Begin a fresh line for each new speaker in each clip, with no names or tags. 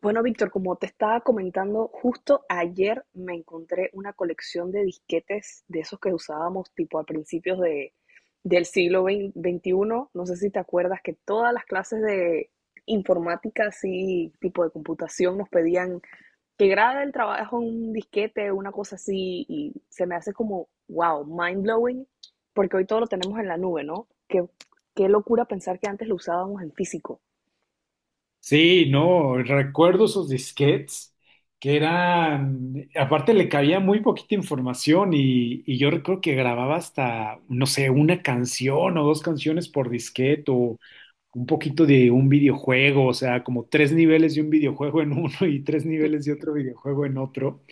Bueno, Víctor, como te estaba comentando, justo ayer me encontré una colección de disquetes de esos que usábamos tipo a del siglo XXI. No sé si te acuerdas que todas las clases de informática, así tipo de computación, nos pedían que graba el trabajo en un disquete, una cosa así, y se me hace como, wow, mind blowing, porque hoy todo lo tenemos en la nube, ¿no? Qué locura pensar que antes lo usábamos en físico.
Sí, no, recuerdo esos disquetes que eran, aparte le cabía muy poquita información y yo recuerdo que grababa hasta, no sé, una canción o dos canciones por disquete o un poquito de un videojuego, o sea, como tres niveles de un videojuego en uno y tres niveles de otro videojuego en otro.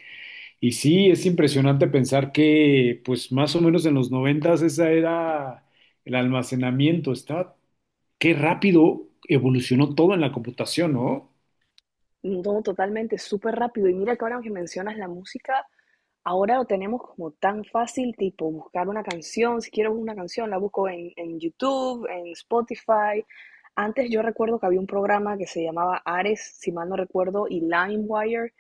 Y sí, es impresionante pensar que, pues más o menos en los noventas esa era el almacenamiento, estaba, qué rápido evolucionó todo en la computación, ¿no?
No, totalmente, súper rápido. Y mira que ahora que mencionas la música, ahora lo tenemos como tan fácil, tipo buscar una canción, si quiero una canción, la busco en YouTube, en Spotify. Antes yo recuerdo que había un programa que se llamaba Ares, si mal no recuerdo, y LimeWire,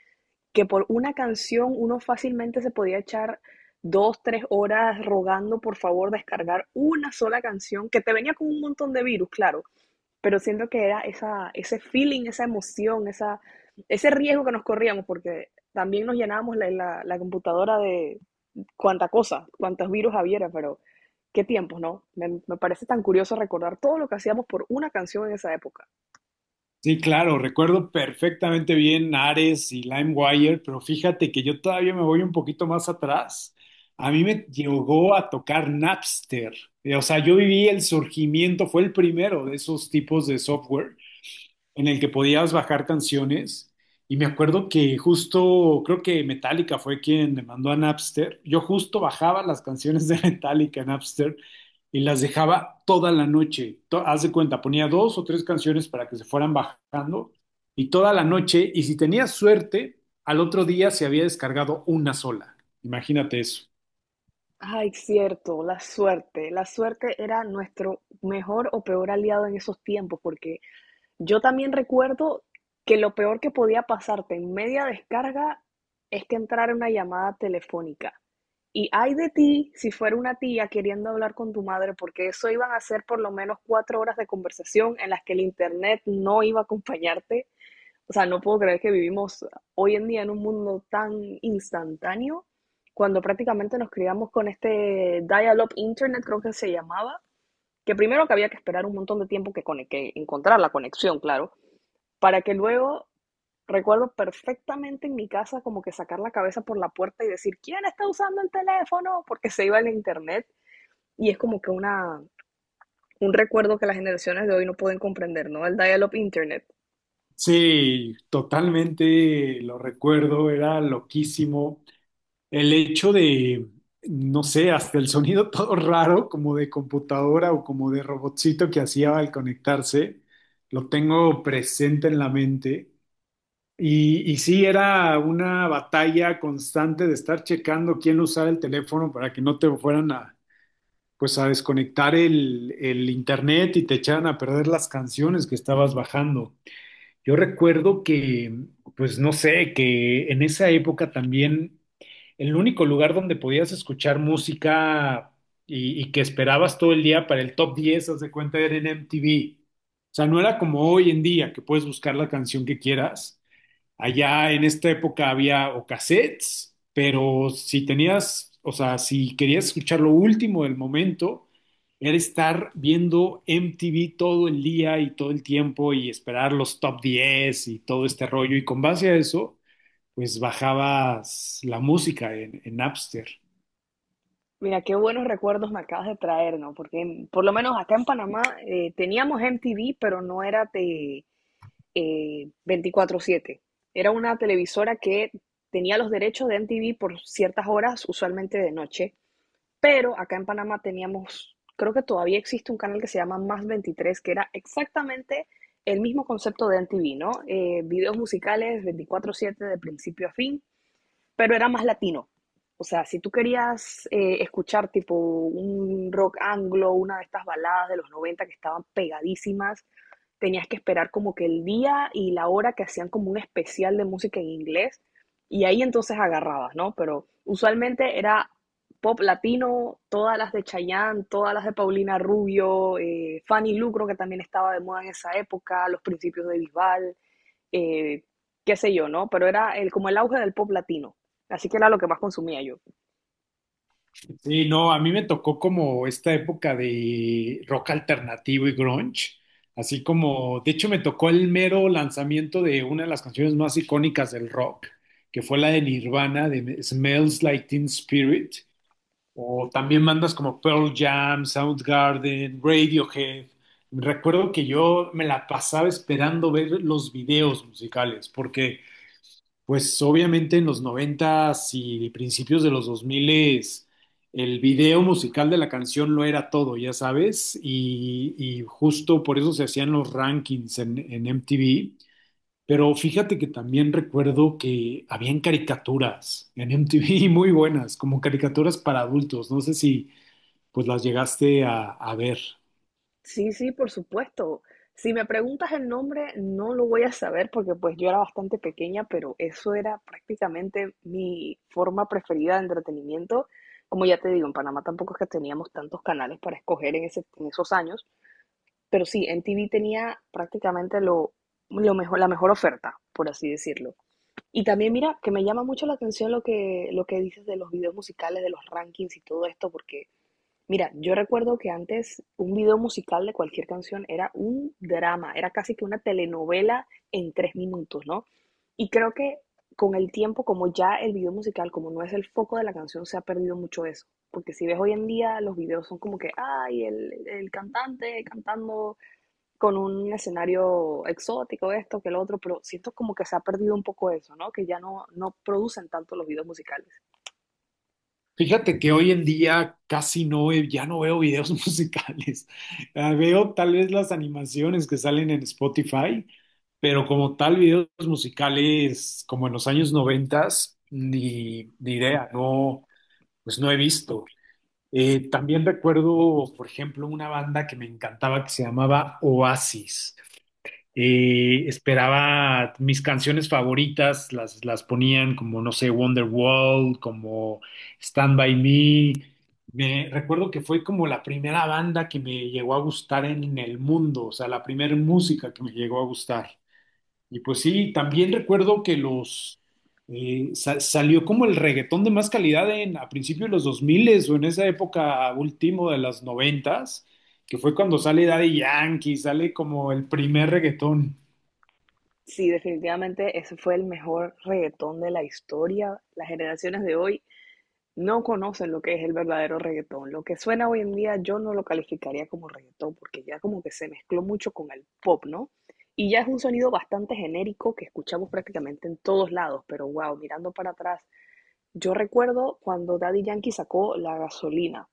que por una canción uno fácilmente se podía echar dos, tres horas rogando por favor descargar una sola canción, que te venía con un montón de virus, claro, pero siento que era ese feeling, esa emoción, ese riesgo que nos corríamos, porque también nos llenábamos la computadora de cuánta cosa, cuántos virus hubiera, pero qué tiempos, ¿no? Parece tan curioso recordar todo lo que hacíamos por una canción en esa época.
Sí, claro, recuerdo perfectamente bien Ares y LimeWire, pero fíjate que yo todavía me voy un poquito más atrás. A mí me llegó a tocar Napster. O sea, yo viví el surgimiento, fue el primero de esos tipos de software en el que podías bajar canciones. Y me acuerdo que justo, creo que Metallica fue quien me mandó a Napster. Yo justo bajaba las canciones de Metallica en Napster y las dejaba toda la noche. Haz de cuenta, ponía dos o tres canciones para que se fueran bajando y toda la noche. Y si tenía suerte, al otro día se había descargado una sola. Imagínate eso.
Ay, cierto, la suerte. La suerte era nuestro mejor o peor aliado en esos tiempos, porque yo también recuerdo que lo peor que podía pasarte en media descarga es que entrara una llamada telefónica. Y ay de ti si fuera una tía queriendo hablar con tu madre, porque eso iban a ser por lo menos 4 horas de conversación en las que el internet no iba a acompañarte. O sea, no puedo creer que vivimos hoy en día en un mundo tan instantáneo, cuando prácticamente nos criamos con este dial-up internet, creo que se llamaba, que primero que había que esperar un montón de tiempo que encontrar la conexión, claro, para que luego recuerdo perfectamente en mi casa como que sacar la cabeza por la puerta y decir, ¿quién está usando el teléfono? Porque se iba el internet y es como que un recuerdo que las generaciones de hoy no pueden comprender, ¿no? El dial-up internet.
Sí, totalmente lo recuerdo, era loquísimo. El hecho de, no sé, hasta el sonido todo raro, como de computadora o como de robotcito que hacía al conectarse, lo tengo presente en la mente. Y sí, era una batalla constante de estar checando quién usaba el teléfono para que no te fueran a, pues a desconectar el internet y te echaran a perder las canciones que estabas bajando. Yo recuerdo que, pues no sé, que en esa época también el único lugar donde podías escuchar música y que esperabas todo el día para el top 10, haz de cuenta, era en MTV. O sea, no era como hoy en día que puedes buscar la canción que quieras. Allá en esta época había o cassettes, pero si tenías, o sea, si querías escuchar lo último del momento, era estar viendo MTV todo el día y todo el tiempo y esperar los top 10 y todo este rollo. Y con base a eso, pues bajabas la música en Napster.
Mira, qué buenos recuerdos me acabas de traer, ¿no? Porque por lo menos acá en Panamá teníamos MTV, pero no era de 24/7. Era una televisora que tenía los derechos de MTV por ciertas horas, usualmente de noche. Pero acá en Panamá teníamos, creo que todavía existe un canal que se llama Más veintitrés que era exactamente el mismo concepto de MTV, ¿no? Videos musicales veinticuatro siete de principio a fin, pero era más latino. O sea, si tú querías escuchar tipo un rock anglo, una de estas baladas de los 90 que estaban pegadísimas, tenías que esperar como que el día y la hora que hacían como un especial de música en inglés y ahí entonces agarrabas, ¿no? Pero usualmente era pop latino, todas las de Chayanne, todas las de Paulina Rubio, Fanny Lu, creo que también estaba de moda en esa época, los principios de Bisbal, eh, qué sé yo, ¿no? Pero era como el auge del pop latino. Así que era lo que más consumía yo.
Sí, no, a mí me tocó como esta época de rock alternativo y grunge, así como, de hecho me tocó el mero lanzamiento de una de las canciones más icónicas del rock, que fue la de Nirvana, de Smells Like Teen Spirit, o también bandas como Pearl Jam, Soundgarden, Radiohead. Recuerdo que yo me la pasaba esperando ver los videos musicales, porque pues obviamente en los 90 y principios de los 2000 el video musical de la canción lo era todo, ya sabes, y justo por eso se hacían los rankings en MTV. Pero fíjate que también recuerdo que habían caricaturas en MTV muy buenas, como caricaturas para adultos. No sé si pues las llegaste a ver.
Sí, sí, por supuesto. Si me preguntas el nombre, no lo voy a saber porque pues yo era bastante pequeña, pero eso era prácticamente mi forma preferida de entretenimiento. Como ya te digo, en Panamá tampoco es que teníamos tantos canales para escoger en esos años, pero sí, en TV tenía prácticamente lo mejor, la mejor oferta, por así decirlo. Y también mira, que me llama mucho la atención lo que dices de los videos musicales, de los rankings y todo esto, porque mira, yo recuerdo que antes un video musical de cualquier canción era un drama, era casi que una telenovela en 3 minutos, ¿no? Y creo que con el tiempo, como ya el video musical, como no es el foco de la canción, se ha perdido mucho eso. Porque si ves hoy en día, los videos son como que, ay, el cantante cantando con un escenario exótico, esto, que lo otro, pero siento como que se ha perdido un poco eso, ¿no? Que ya no, no producen tanto los videos musicales.
Fíjate que hoy en día casi no, ya no veo videos musicales. Veo tal vez las animaciones que salen en Spotify, pero como tal videos musicales como en los años noventas, ni idea, no, pues no he visto. También recuerdo, por ejemplo, una banda que me encantaba que se llamaba Oasis. Esperaba mis canciones favoritas, las ponían como, no sé, Wonderwall, como Stand By Me. Me recuerdo que fue como la primera banda que me llegó a gustar en el mundo, o sea, la primera música que me llegó a gustar. Y pues sí, también recuerdo que los salió como el reggaetón de más calidad en, a principios de los 2000 o en esa época último de las 90 que fue cuando sale Daddy Yankee, sale como el primer reggaetón.
Sí, definitivamente ese fue el mejor reggaetón de la historia. Las generaciones de hoy no conocen lo que es el verdadero reggaetón. Lo que suena hoy en día yo no lo calificaría como reggaetón porque ya como que se mezcló mucho con el pop, ¿no? Y ya es un sonido bastante genérico que escuchamos prácticamente en todos lados, pero wow, mirando para atrás, yo recuerdo cuando Daddy Yankee sacó La Gasolina.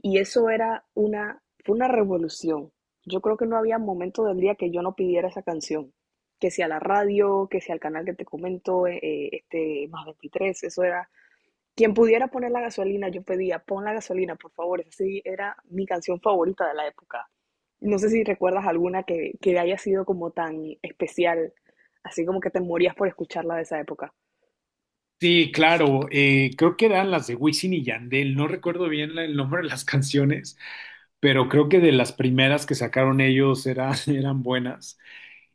Y eso era fue una revolución. Yo creo que no había momento del día que yo no pidiera esa canción. Que sea la radio, que sea el canal que te comento, este más veintitrés eso era. Quien pudiera poner la gasolina, yo pedía, pon la gasolina, por favor. Esa sí era mi canción favorita de la época. No sé si recuerdas alguna que haya sido como tan especial, así como que te morías por escucharla de esa época.
Sí, claro, creo que eran las de Wisin y Yandel, no recuerdo bien el nombre de las canciones, pero creo que de las primeras que sacaron ellos eran, eran buenas.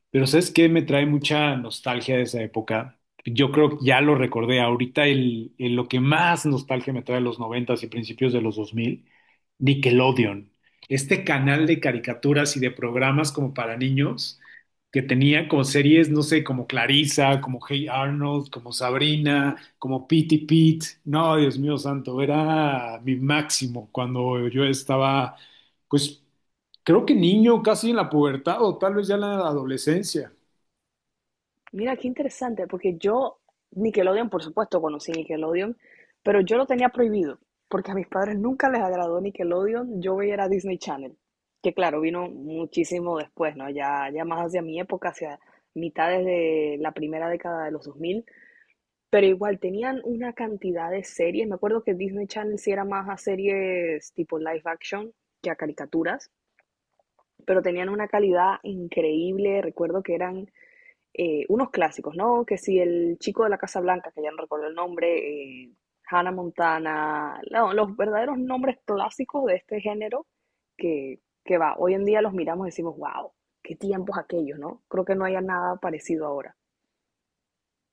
Pero ¿sabes qué? Me trae mucha nostalgia de esa época. Yo creo que ya lo recordé. Ahorita lo que más nostalgia me trae de los noventas y principios de los dos mil, Nickelodeon. Este canal de caricaturas y de programas como para niños que tenía como series, no sé, como Clarissa, como Hey Arnold, como Sabrina, como Pitty Pete. No, Dios mío santo, era mi máximo cuando yo estaba, pues, creo que niño, casi en la pubertad o tal vez ya en la adolescencia.
Mira, qué interesante, porque yo, Nickelodeon, por supuesto, conocí Nickelodeon, pero yo lo tenía prohibido, porque a mis padres nunca les agradó Nickelodeon, yo veía era Disney Channel, que claro, vino muchísimo después, ¿no? Ya más hacia mi época, hacia mitades de la primera década de los 2000, pero igual tenían una cantidad de series, me acuerdo que Disney Channel sí era más a series tipo live action que a caricaturas, pero tenían una calidad increíble, recuerdo que eran unos clásicos, ¿no? Que si el chico de la Casa Blanca, que ya no recuerdo el nombre, Hannah Montana, no, los verdaderos nombres clásicos de este género que, que va, hoy en día los miramos y decimos, wow, qué tiempos aquellos, ¿no? Creo que no haya nada parecido ahora.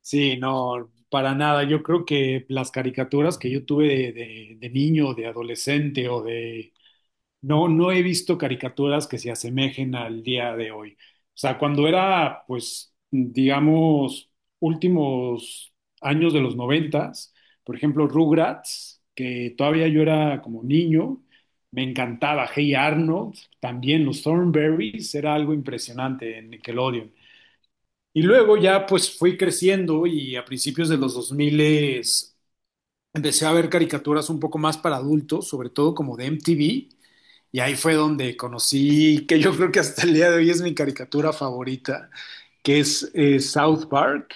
Sí, no, para nada. Yo creo que las caricaturas que yo tuve de niño, de adolescente o de, no, no he visto caricaturas que se asemejen al día de hoy. O sea, cuando era, pues, digamos, últimos años de los noventas, por ejemplo, Rugrats, que todavía yo era como niño, me encantaba. Hey Arnold, también los Thornberrys, era algo impresionante en Nickelodeon. Y luego ya, pues, fui creciendo y a principios de los 2000 empecé a ver caricaturas un poco más para adultos, sobre todo como de MTV, y ahí fue donde conocí, que yo creo que hasta el día de hoy es mi caricatura favorita, que es South Park,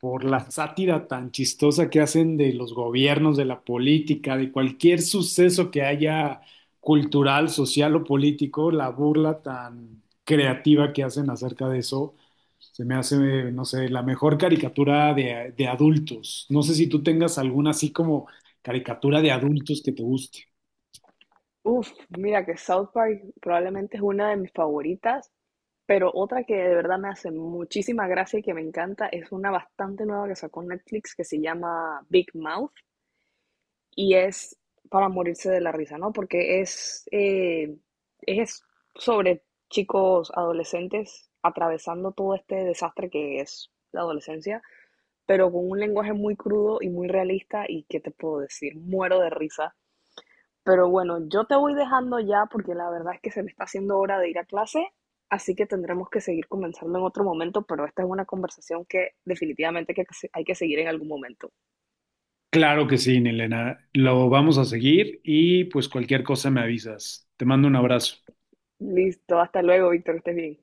por la sátira tan chistosa que hacen de los gobiernos, de la política, de cualquier suceso que haya cultural, social o político, la burla tan creativa que hacen acerca de eso, se me hace, no sé, la mejor caricatura de adultos. No sé si tú tengas alguna así como caricatura de adultos que te guste.
Uf, mira que South Park probablemente es una de mis favoritas, pero otra que de verdad me hace muchísima gracia y que me encanta es una bastante nueva que sacó Netflix que se llama Big Mouth y es para morirse de la risa, ¿no? Porque es sobre chicos adolescentes atravesando todo este desastre que es la adolescencia, pero con un lenguaje muy crudo y muy realista y, ¿qué te puedo decir? Muero de risa. Pero bueno, yo te voy dejando ya porque la verdad es que se me está haciendo hora de ir a clase, así que tendremos que seguir conversando en otro momento, pero esta es una conversación que definitivamente que hay que seguir en algún momento.
Claro que sí, Elena. Lo vamos a seguir y pues cualquier cosa me avisas. Te mando un abrazo.
Listo, hasta luego, Víctor, estés bien.